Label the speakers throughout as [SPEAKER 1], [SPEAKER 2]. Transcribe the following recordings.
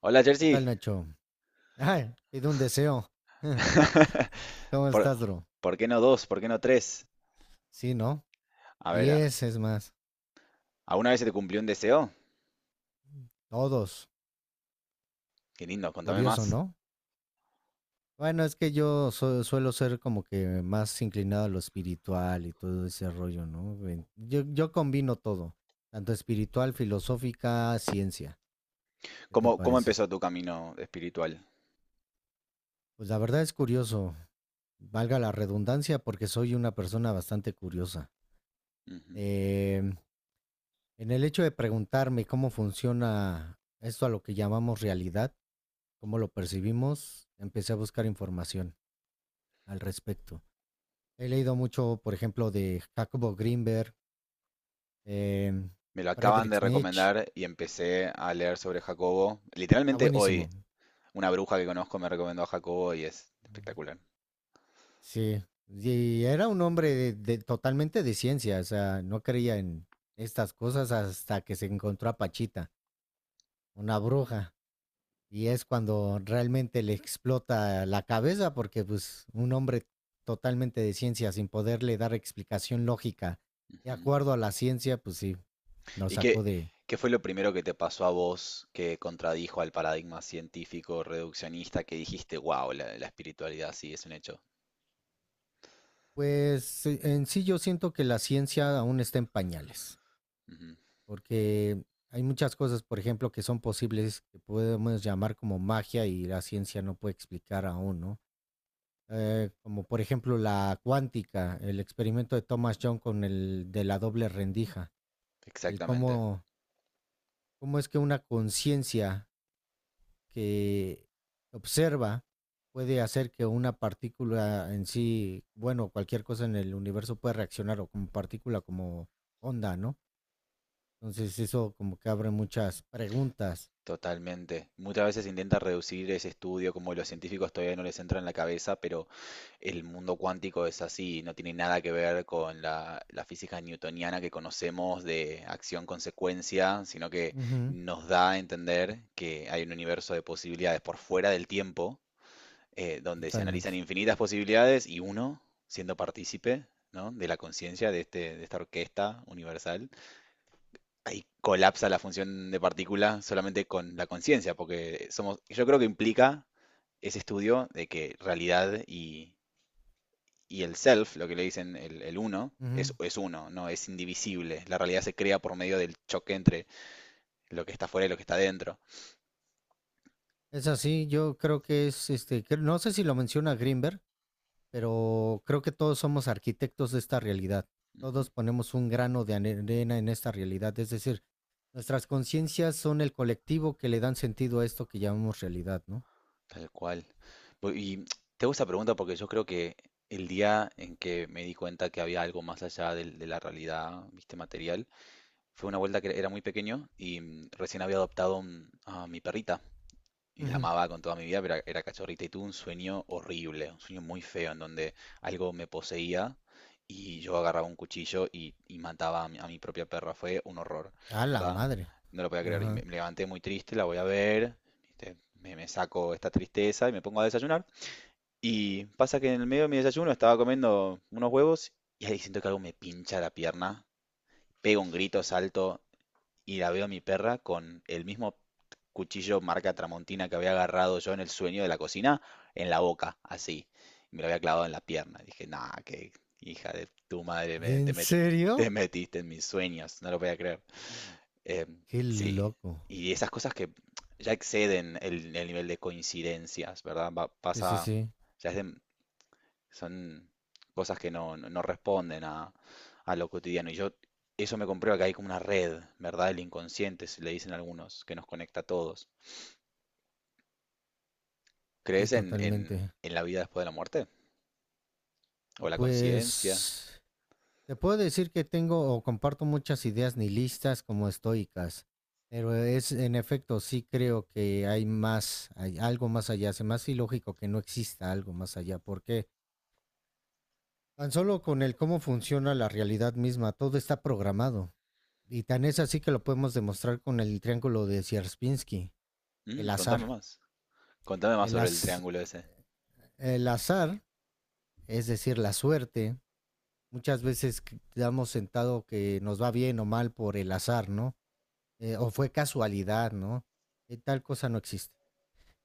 [SPEAKER 1] Hola,
[SPEAKER 2] ¿Qué tal,
[SPEAKER 1] Jersey.
[SPEAKER 2] Nacho? Ay, pido un deseo. ¿Cómo
[SPEAKER 1] ¿Por,
[SPEAKER 2] estás, bro?
[SPEAKER 1] por qué no dos? ¿Por qué no tres?
[SPEAKER 2] Sí, ¿no?
[SPEAKER 1] A ver,
[SPEAKER 2] 10 es más.
[SPEAKER 1] ¿alguna vez se te cumplió un deseo?
[SPEAKER 2] Todos.
[SPEAKER 1] Qué lindo, contame
[SPEAKER 2] Curioso,
[SPEAKER 1] más.
[SPEAKER 2] ¿no? Bueno, es que suelo ser como que más inclinado a lo espiritual y todo ese rollo, ¿no? Ven, Yo combino todo, tanto espiritual, filosófica, ciencia. ¿Qué te
[SPEAKER 1] ¿Cómo
[SPEAKER 2] parece?
[SPEAKER 1] empezó tu camino espiritual?
[SPEAKER 2] Pues la verdad es curioso, valga la redundancia, porque soy una persona bastante curiosa.
[SPEAKER 1] Ujú.
[SPEAKER 2] Em, en el hecho de preguntarme cómo funciona esto a lo que llamamos realidad, cómo lo percibimos, empecé a buscar información al respecto. He leído mucho, por ejemplo, de Jacobo Greenberg, eh,
[SPEAKER 1] Me lo acaban de
[SPEAKER 2] Friedrich Nietzsche.
[SPEAKER 1] recomendar y empecé a leer sobre Jacobo.
[SPEAKER 2] Está
[SPEAKER 1] Literalmente hoy,
[SPEAKER 2] buenísimo.
[SPEAKER 1] una bruja que conozco me recomendó a Jacobo y es espectacular.
[SPEAKER 2] Sí. Y era un hombre totalmente de ciencia, o sea, no creía en estas cosas hasta que se encontró a Pachita, una bruja. Y es cuando realmente le explota la cabeza porque pues un hombre totalmente de ciencia sin poderle dar explicación lógica de
[SPEAKER 1] Ujú.
[SPEAKER 2] acuerdo a la ciencia, pues sí, Lo
[SPEAKER 1] ¿Y
[SPEAKER 2] sacó
[SPEAKER 1] qué,
[SPEAKER 2] de,
[SPEAKER 1] qué fue lo primero que te pasó a vos que contradijo al paradigma científico reduccionista que dijiste, wow, la espiritualidad sí es un hecho?
[SPEAKER 2] pues en sí yo siento que la ciencia aún está en pañales,
[SPEAKER 1] Ujú.
[SPEAKER 2] porque hay muchas cosas, por ejemplo, que son posibles que podemos llamar como magia y la ciencia no puede explicar aún, ¿no? Como por ejemplo la cuántica, el experimento de Thomas John con el de la doble rendija, el
[SPEAKER 1] Exactamente.
[SPEAKER 2] cómo es que una conciencia que observa puede hacer que una partícula en sí, bueno, cualquier cosa en el universo puede reaccionar o como partícula, como onda, ¿no? Entonces eso como que abre muchas preguntas.
[SPEAKER 1] Totalmente. Muchas veces intenta reducir ese estudio, como los científicos todavía no les entra en la cabeza, pero el mundo cuántico es así, no tiene nada que ver con la física newtoniana que conocemos de acción-consecuencia, sino que
[SPEAKER 2] Ujú,
[SPEAKER 1] nos da a entender que hay un universo de posibilidades por fuera del tiempo, donde se analizan
[SPEAKER 2] totalmente.
[SPEAKER 1] infinitas posibilidades y uno, siendo partícipe, ¿no? De la conciencia de este, de esta orquesta universal, ahí colapsa la función de partícula solamente con la conciencia, porque somos, yo creo que implica ese estudio de que realidad y el self, lo que le dicen el uno,
[SPEAKER 2] Ujú.
[SPEAKER 1] es uno, no es indivisible. La realidad se crea por medio del choque entre lo que está fuera y lo que está dentro.
[SPEAKER 2] Es así, yo creo que no sé si lo menciona Greenberg, pero creo que todos somos arquitectos de esta realidad.
[SPEAKER 1] Ujú,
[SPEAKER 2] Todos ponemos un grano de arena en esta realidad, es decir, nuestras conciencias son el colectivo que le dan sentido a esto que llamamos realidad, ¿no?
[SPEAKER 1] tal cual. Y te hago esta pregunta porque yo creo que el día en que me di cuenta que había algo más allá de la realidad, viste, material, fue una vuelta que era muy pequeño y recién había adoptado a mi perrita. Y la
[SPEAKER 2] Ujú.
[SPEAKER 1] amaba con toda mi vida, pero era cachorrita y tuve un sueño horrible, un sueño muy feo en donde algo me poseía y yo agarraba un cuchillo y mataba a mi propia perra. Fue un horror,
[SPEAKER 2] A la
[SPEAKER 1] ¿verdad?
[SPEAKER 2] madre.
[SPEAKER 1] No lo podía creer. Y me,
[SPEAKER 2] Ajá.
[SPEAKER 1] me levanté muy triste, la voy a ver, ¿viste? Me saco esta tristeza y me pongo a desayunar. Y pasa que en el medio de mi desayuno estaba comiendo unos huevos y ahí siento que algo me pincha la pierna. Pego un grito, salto y la veo a mi perra con el mismo cuchillo marca Tramontina que había agarrado yo en el sueño de la cocina, en la boca, así. Me lo había clavado en la pierna. Dije, nah, que hija de tu madre,
[SPEAKER 2] ¿De en serio?
[SPEAKER 1] te metiste en mis sueños, no lo voy a creer. Eh,
[SPEAKER 2] Qué
[SPEAKER 1] sí,
[SPEAKER 2] loco.
[SPEAKER 1] y esas cosas que ya exceden el nivel de coincidencias, ¿verdad?
[SPEAKER 2] Sí, sí,
[SPEAKER 1] Pasa,
[SPEAKER 2] sí.
[SPEAKER 1] ya es de- son cosas que no, no responden a lo cotidiano. Y yo, eso me comprueba que hay como una red, ¿verdad? El inconsciente, se le dicen algunos, que nos conecta a todos.
[SPEAKER 2] Sí,
[SPEAKER 1] ¿Crees en,
[SPEAKER 2] totalmente.
[SPEAKER 1] en la vida después de la muerte? ¿O la conciencia?
[SPEAKER 2] Pues te puedo decir que tengo o comparto muchas ideas nihilistas como estoicas, pero es en efecto sí creo que hay más, hay algo más allá. Se me hace ilógico que no exista algo más allá, porque tan solo con el cómo funciona la realidad misma, todo está programado. Y tan es así que lo podemos demostrar con el triángulo de Sierpinski,
[SPEAKER 1] Mm,
[SPEAKER 2] el
[SPEAKER 1] contame
[SPEAKER 2] azar.
[SPEAKER 1] más. Contame más
[SPEAKER 2] El,
[SPEAKER 1] sobre el
[SPEAKER 2] az-
[SPEAKER 1] triángulo ese.
[SPEAKER 2] el azar, es decir, la suerte, muchas veces que damos sentado que nos va bien o mal por el azar, ¿no? O fue casualidad, ¿no? Tal cosa no existe.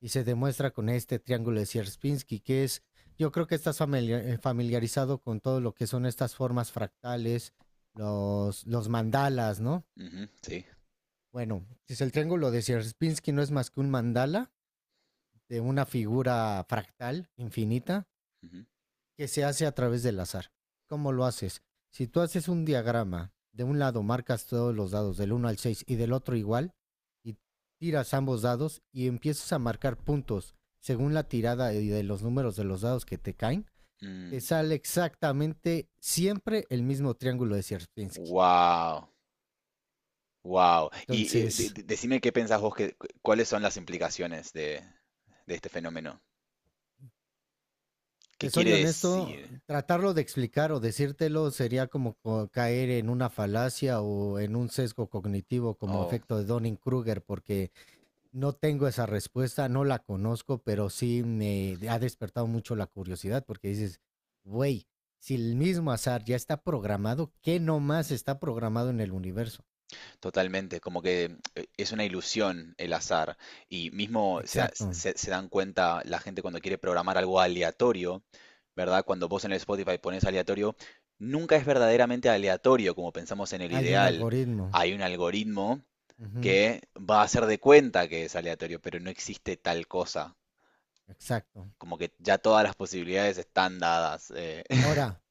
[SPEAKER 2] Y se demuestra con este triángulo de Sierpinski, que es, yo creo que familiarizado con todo lo que son estas formas fractales, los mandalas, ¿no?
[SPEAKER 1] Ujú, sí.
[SPEAKER 2] Bueno, si el triángulo de Sierpinski no es más que un mandala de una figura fractal infinita,
[SPEAKER 1] Ujú.
[SPEAKER 2] que se hace a través del azar. ¿Cómo lo haces? Si tú haces un diagrama, de un lado marcas todos los dados del uno al 6 y del otro igual, y tiras ambos dados y empiezas a marcar puntos según la tirada y de los números de los dados que te caen, te
[SPEAKER 1] Mm,
[SPEAKER 2] sale exactamente siempre el mismo triángulo de Sierpinski.
[SPEAKER 1] wow, wow. Y
[SPEAKER 2] Entonces,
[SPEAKER 1] decime qué pensás vos, que, cuáles son las implicaciones de este fenómeno. ¿Qué
[SPEAKER 2] te
[SPEAKER 1] quiere
[SPEAKER 2] soy honesto,
[SPEAKER 1] decir?
[SPEAKER 2] tratarlo de explicar o decírtelo sería como caer en una falacia o en un sesgo cognitivo como
[SPEAKER 1] Oh.
[SPEAKER 2] efecto de Donning-Kruger, porque no tengo esa respuesta, no la conozco, pero sí me ha despertado mucho la curiosidad porque dices, güey, si el mismo azar ya está programado, ¿qué nomás está programado en el universo?
[SPEAKER 1] Totalmente, como que es una ilusión el azar. Y mismo se,
[SPEAKER 2] Exacto,
[SPEAKER 1] se dan cuenta la gente cuando quiere programar algo aleatorio, ¿verdad? Cuando vos en el Spotify pones aleatorio, nunca es verdaderamente aleatorio como pensamos en el
[SPEAKER 2] hay un
[SPEAKER 1] ideal.
[SPEAKER 2] algoritmo.
[SPEAKER 1] Hay un algoritmo
[SPEAKER 2] Ujú,
[SPEAKER 1] que va a hacer de cuenta que es aleatorio, pero no existe tal cosa.
[SPEAKER 2] exacto.
[SPEAKER 1] Como que ya todas las posibilidades están dadas.
[SPEAKER 2] Ahora,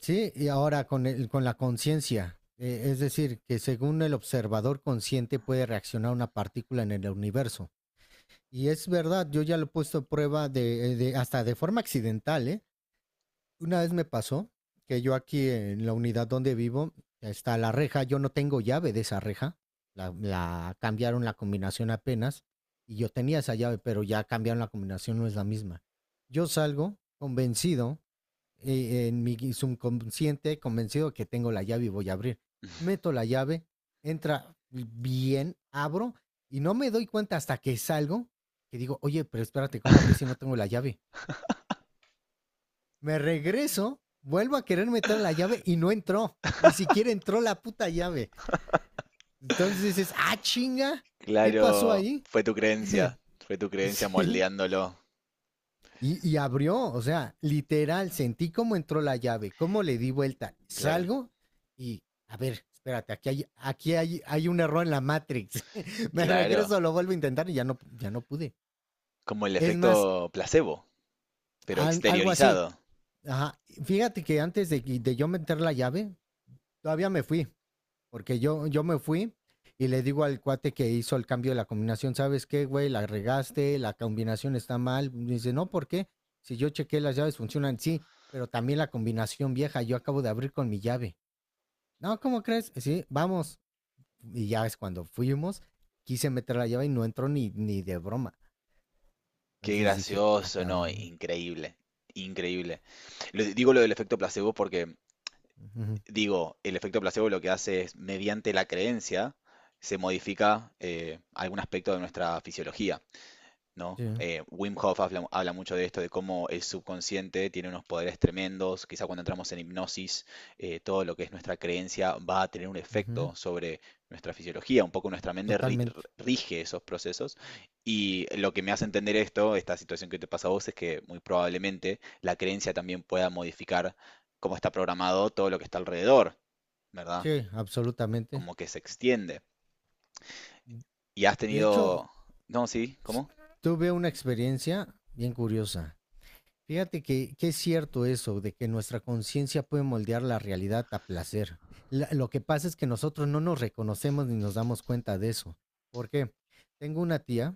[SPEAKER 2] sí, y ahora con la conciencia, es decir, que según el observador consciente puede reaccionar una partícula en el universo. Y es verdad, yo ya lo he puesto a prueba hasta de forma accidental, ¿eh? Una vez me pasó que yo aquí en la unidad donde vivo está la reja, yo no tengo llave de esa reja, la cambiaron la combinación apenas y yo tenía esa llave, pero ya cambiaron la combinación, no es la misma. Yo salgo convencido, en mi subconsciente, convencido que tengo la llave y voy a abrir. Meto la llave, entra bien, abro y no me doy cuenta hasta que salgo que digo, oye, pero espérate, ¿cómo abrir si no tengo la llave? Me regreso, vuelvo a querer meter la llave y no entró. Ni siquiera entró la puta llave. Entonces dices, ah, chinga, ¿qué pasó
[SPEAKER 1] Claro,
[SPEAKER 2] ahí?
[SPEAKER 1] fue tu creencia
[SPEAKER 2] Sí.
[SPEAKER 1] moldeándolo.
[SPEAKER 2] Y abrió, o sea, literal, sentí cómo entró la llave, cómo le di vuelta.
[SPEAKER 1] Claro,
[SPEAKER 2] Salgo y, a ver, espérate, hay un error en la Matrix. Me
[SPEAKER 1] claro.
[SPEAKER 2] regreso, lo vuelvo a intentar y ya no pude.
[SPEAKER 1] Como el
[SPEAKER 2] Es más,
[SPEAKER 1] efecto placebo, pero
[SPEAKER 2] algo así.
[SPEAKER 1] exteriorizado.
[SPEAKER 2] Ajá. Fíjate que antes de yo meter la llave, todavía me fui. Porque yo me fui y le digo al cuate que hizo el cambio de la combinación, ¿sabes qué, güey? La regaste, la combinación está mal. Me dice, no, ¿por qué? Si yo chequé las llaves funcionan, sí, pero también la combinación vieja, yo acabo de abrir con mi llave. No, ¿cómo crees? Sí, vamos. Y ya es cuando fuimos, quise meter la llave y no entró ni de broma.
[SPEAKER 1] Qué
[SPEAKER 2] Entonces dije, ah,
[SPEAKER 1] gracioso, no,
[SPEAKER 2] cabrón.
[SPEAKER 1] increíble, increíble. Digo lo del efecto placebo porque,
[SPEAKER 2] Ujú,
[SPEAKER 1] digo, el efecto placebo lo que hace es, mediante la creencia, se modifica algún aspecto de nuestra fisiología. ¿No?
[SPEAKER 2] sí,
[SPEAKER 1] Wim Hof habla, habla mucho de esto, de cómo el subconsciente tiene unos poderes tremendos, quizá cuando entramos en hipnosis, todo lo que es nuestra creencia va a tener un
[SPEAKER 2] ujú,
[SPEAKER 1] efecto sobre nuestra fisiología, un poco nuestra mente
[SPEAKER 2] totalmente.
[SPEAKER 1] rige esos procesos y lo que me hace entender esto, esta situación que te pasa a vos, es que muy probablemente la creencia también pueda modificar cómo está programado todo lo que está alrededor, ¿verdad?
[SPEAKER 2] Sí, absolutamente.
[SPEAKER 1] Como que se extiende. Y has
[SPEAKER 2] De hecho,
[SPEAKER 1] tenido... No, sí, ¿cómo?
[SPEAKER 2] tuve una experiencia bien curiosa. Fíjate que es cierto eso, de que nuestra conciencia puede moldear la realidad a placer. La- lo que pasa es que nosotros no nos reconocemos ni nos damos cuenta de eso. ¿Por qué? Tengo una tía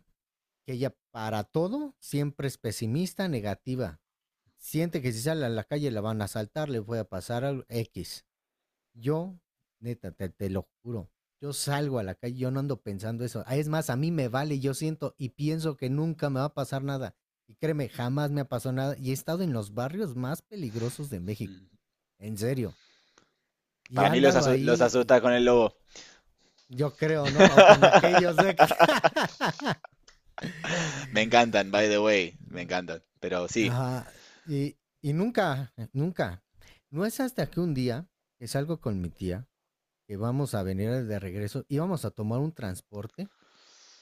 [SPEAKER 2] que ella para todo siempre es pesimista, negativa. Siente que si sale a la calle la van a asaltar, le puede pasar algo X. Yo, neta, te lo juro, yo salgo a la calle, yo no ando pensando eso. Ah, es más, a mí me vale, yo siento y pienso que nunca me va a pasar nada. Y créeme, jamás me ha pasado nada. Y he estado en los barrios más peligrosos de México,
[SPEAKER 1] Mm.
[SPEAKER 2] en serio. Y he
[SPEAKER 1] Para mí los,
[SPEAKER 2] andado
[SPEAKER 1] los
[SPEAKER 2] ahí, y,
[SPEAKER 1] asusta con el
[SPEAKER 2] mm,
[SPEAKER 1] lobo.
[SPEAKER 2] yo creo, ¿no? O con aquellos de... que-
[SPEAKER 1] Me encantan, by the way. Me encantan. Pero sí.
[SPEAKER 2] Ajá. Y, y nunca, nunca. No es hasta que un día que salgo con mi tía, que vamos a venir de regreso, íbamos a tomar un transporte.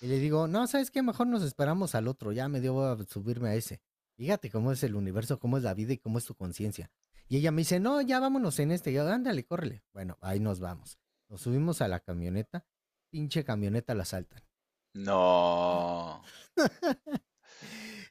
[SPEAKER 2] Y le digo, no, ¿sabes qué? Mejor nos esperamos al otro, ya me dio a subirme a ese. Fíjate cómo es el universo, cómo es la vida y cómo es tu conciencia. Y ella me dice, no, ya vámonos en este. Y yo, ándale, córrele. Bueno, ahí nos vamos. Nos subimos a la camioneta, pinche camioneta la saltan.
[SPEAKER 1] No.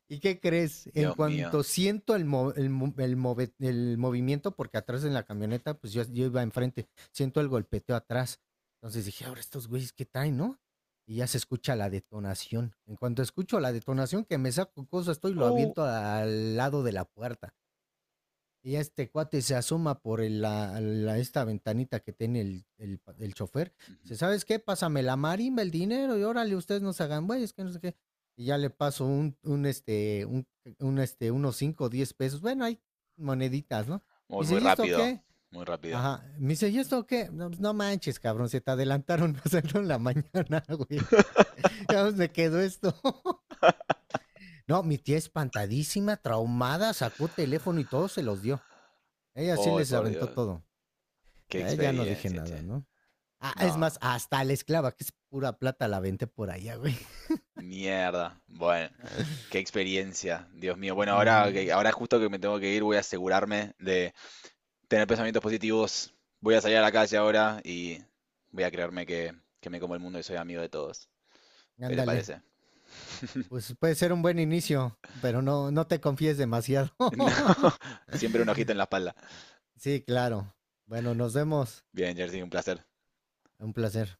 [SPEAKER 2] ¿Y qué crees? En
[SPEAKER 1] Dios mío.
[SPEAKER 2] cuanto siento el, mo- el, mo- el move- el movimiento, porque atrás en la camioneta, pues yo iba enfrente, siento el golpeteo atrás. Entonces dije, ahora estos güeyes, ¿qué traen, no? Y ya se escucha la detonación. En cuanto escucho la detonación, que me saco cosas, estoy lo
[SPEAKER 1] Uh.
[SPEAKER 2] aviento al lado de la puerta. Y ya este cuate se asoma por esta ventanita que tiene el chofer.
[SPEAKER 1] Ujú.
[SPEAKER 2] Dice, ¿sabes qué? Pásame la marimba, el dinero, y órale, ustedes no se hagan güeyes, que no sé qué. Y ya le paso unos 5 o 10 pesos. Bueno, hay moneditas, ¿no? Me
[SPEAKER 1] Muy,
[SPEAKER 2] dice,
[SPEAKER 1] muy
[SPEAKER 2] ¿y esto
[SPEAKER 1] rápido.
[SPEAKER 2] qué?
[SPEAKER 1] Muy rápido.
[SPEAKER 2] Ajá. Me dice, ¿y esto qué? No, pues, no manches, cabrón, se te adelantaron, pasaron en la mañana, güey. Ya me quedó esto. No, mi tía espantadísima, traumada, sacó teléfono y todo se los dio. Ella sí
[SPEAKER 1] Ay,
[SPEAKER 2] les
[SPEAKER 1] por
[SPEAKER 2] aventó
[SPEAKER 1] Dios.
[SPEAKER 2] todo.
[SPEAKER 1] Qué
[SPEAKER 2] Ya, ya no dije
[SPEAKER 1] experiencia,
[SPEAKER 2] nada,
[SPEAKER 1] che.
[SPEAKER 2] ¿no? Ah, es
[SPEAKER 1] No.
[SPEAKER 2] más, hasta la esclava, que es pura plata, la vente por allá, güey.
[SPEAKER 1] Mierda. Bueno, qué experiencia. Dios mío. Bueno, ahora,
[SPEAKER 2] Ujú.
[SPEAKER 1] ahora justo que me tengo que ir, voy a asegurarme de tener pensamientos positivos. Voy a salir a la calle ahora y voy a creerme que me como el mundo y soy amigo de todos. ¿Qué te
[SPEAKER 2] Ándale.
[SPEAKER 1] parece?
[SPEAKER 2] Pues puede ser un buen inicio, pero no, no te confíes demasiado.
[SPEAKER 1] No, siempre un ojito en la espalda.
[SPEAKER 2] Sí, claro. Bueno, nos vemos.
[SPEAKER 1] Bien, Jersey, un placer.
[SPEAKER 2] Un placer.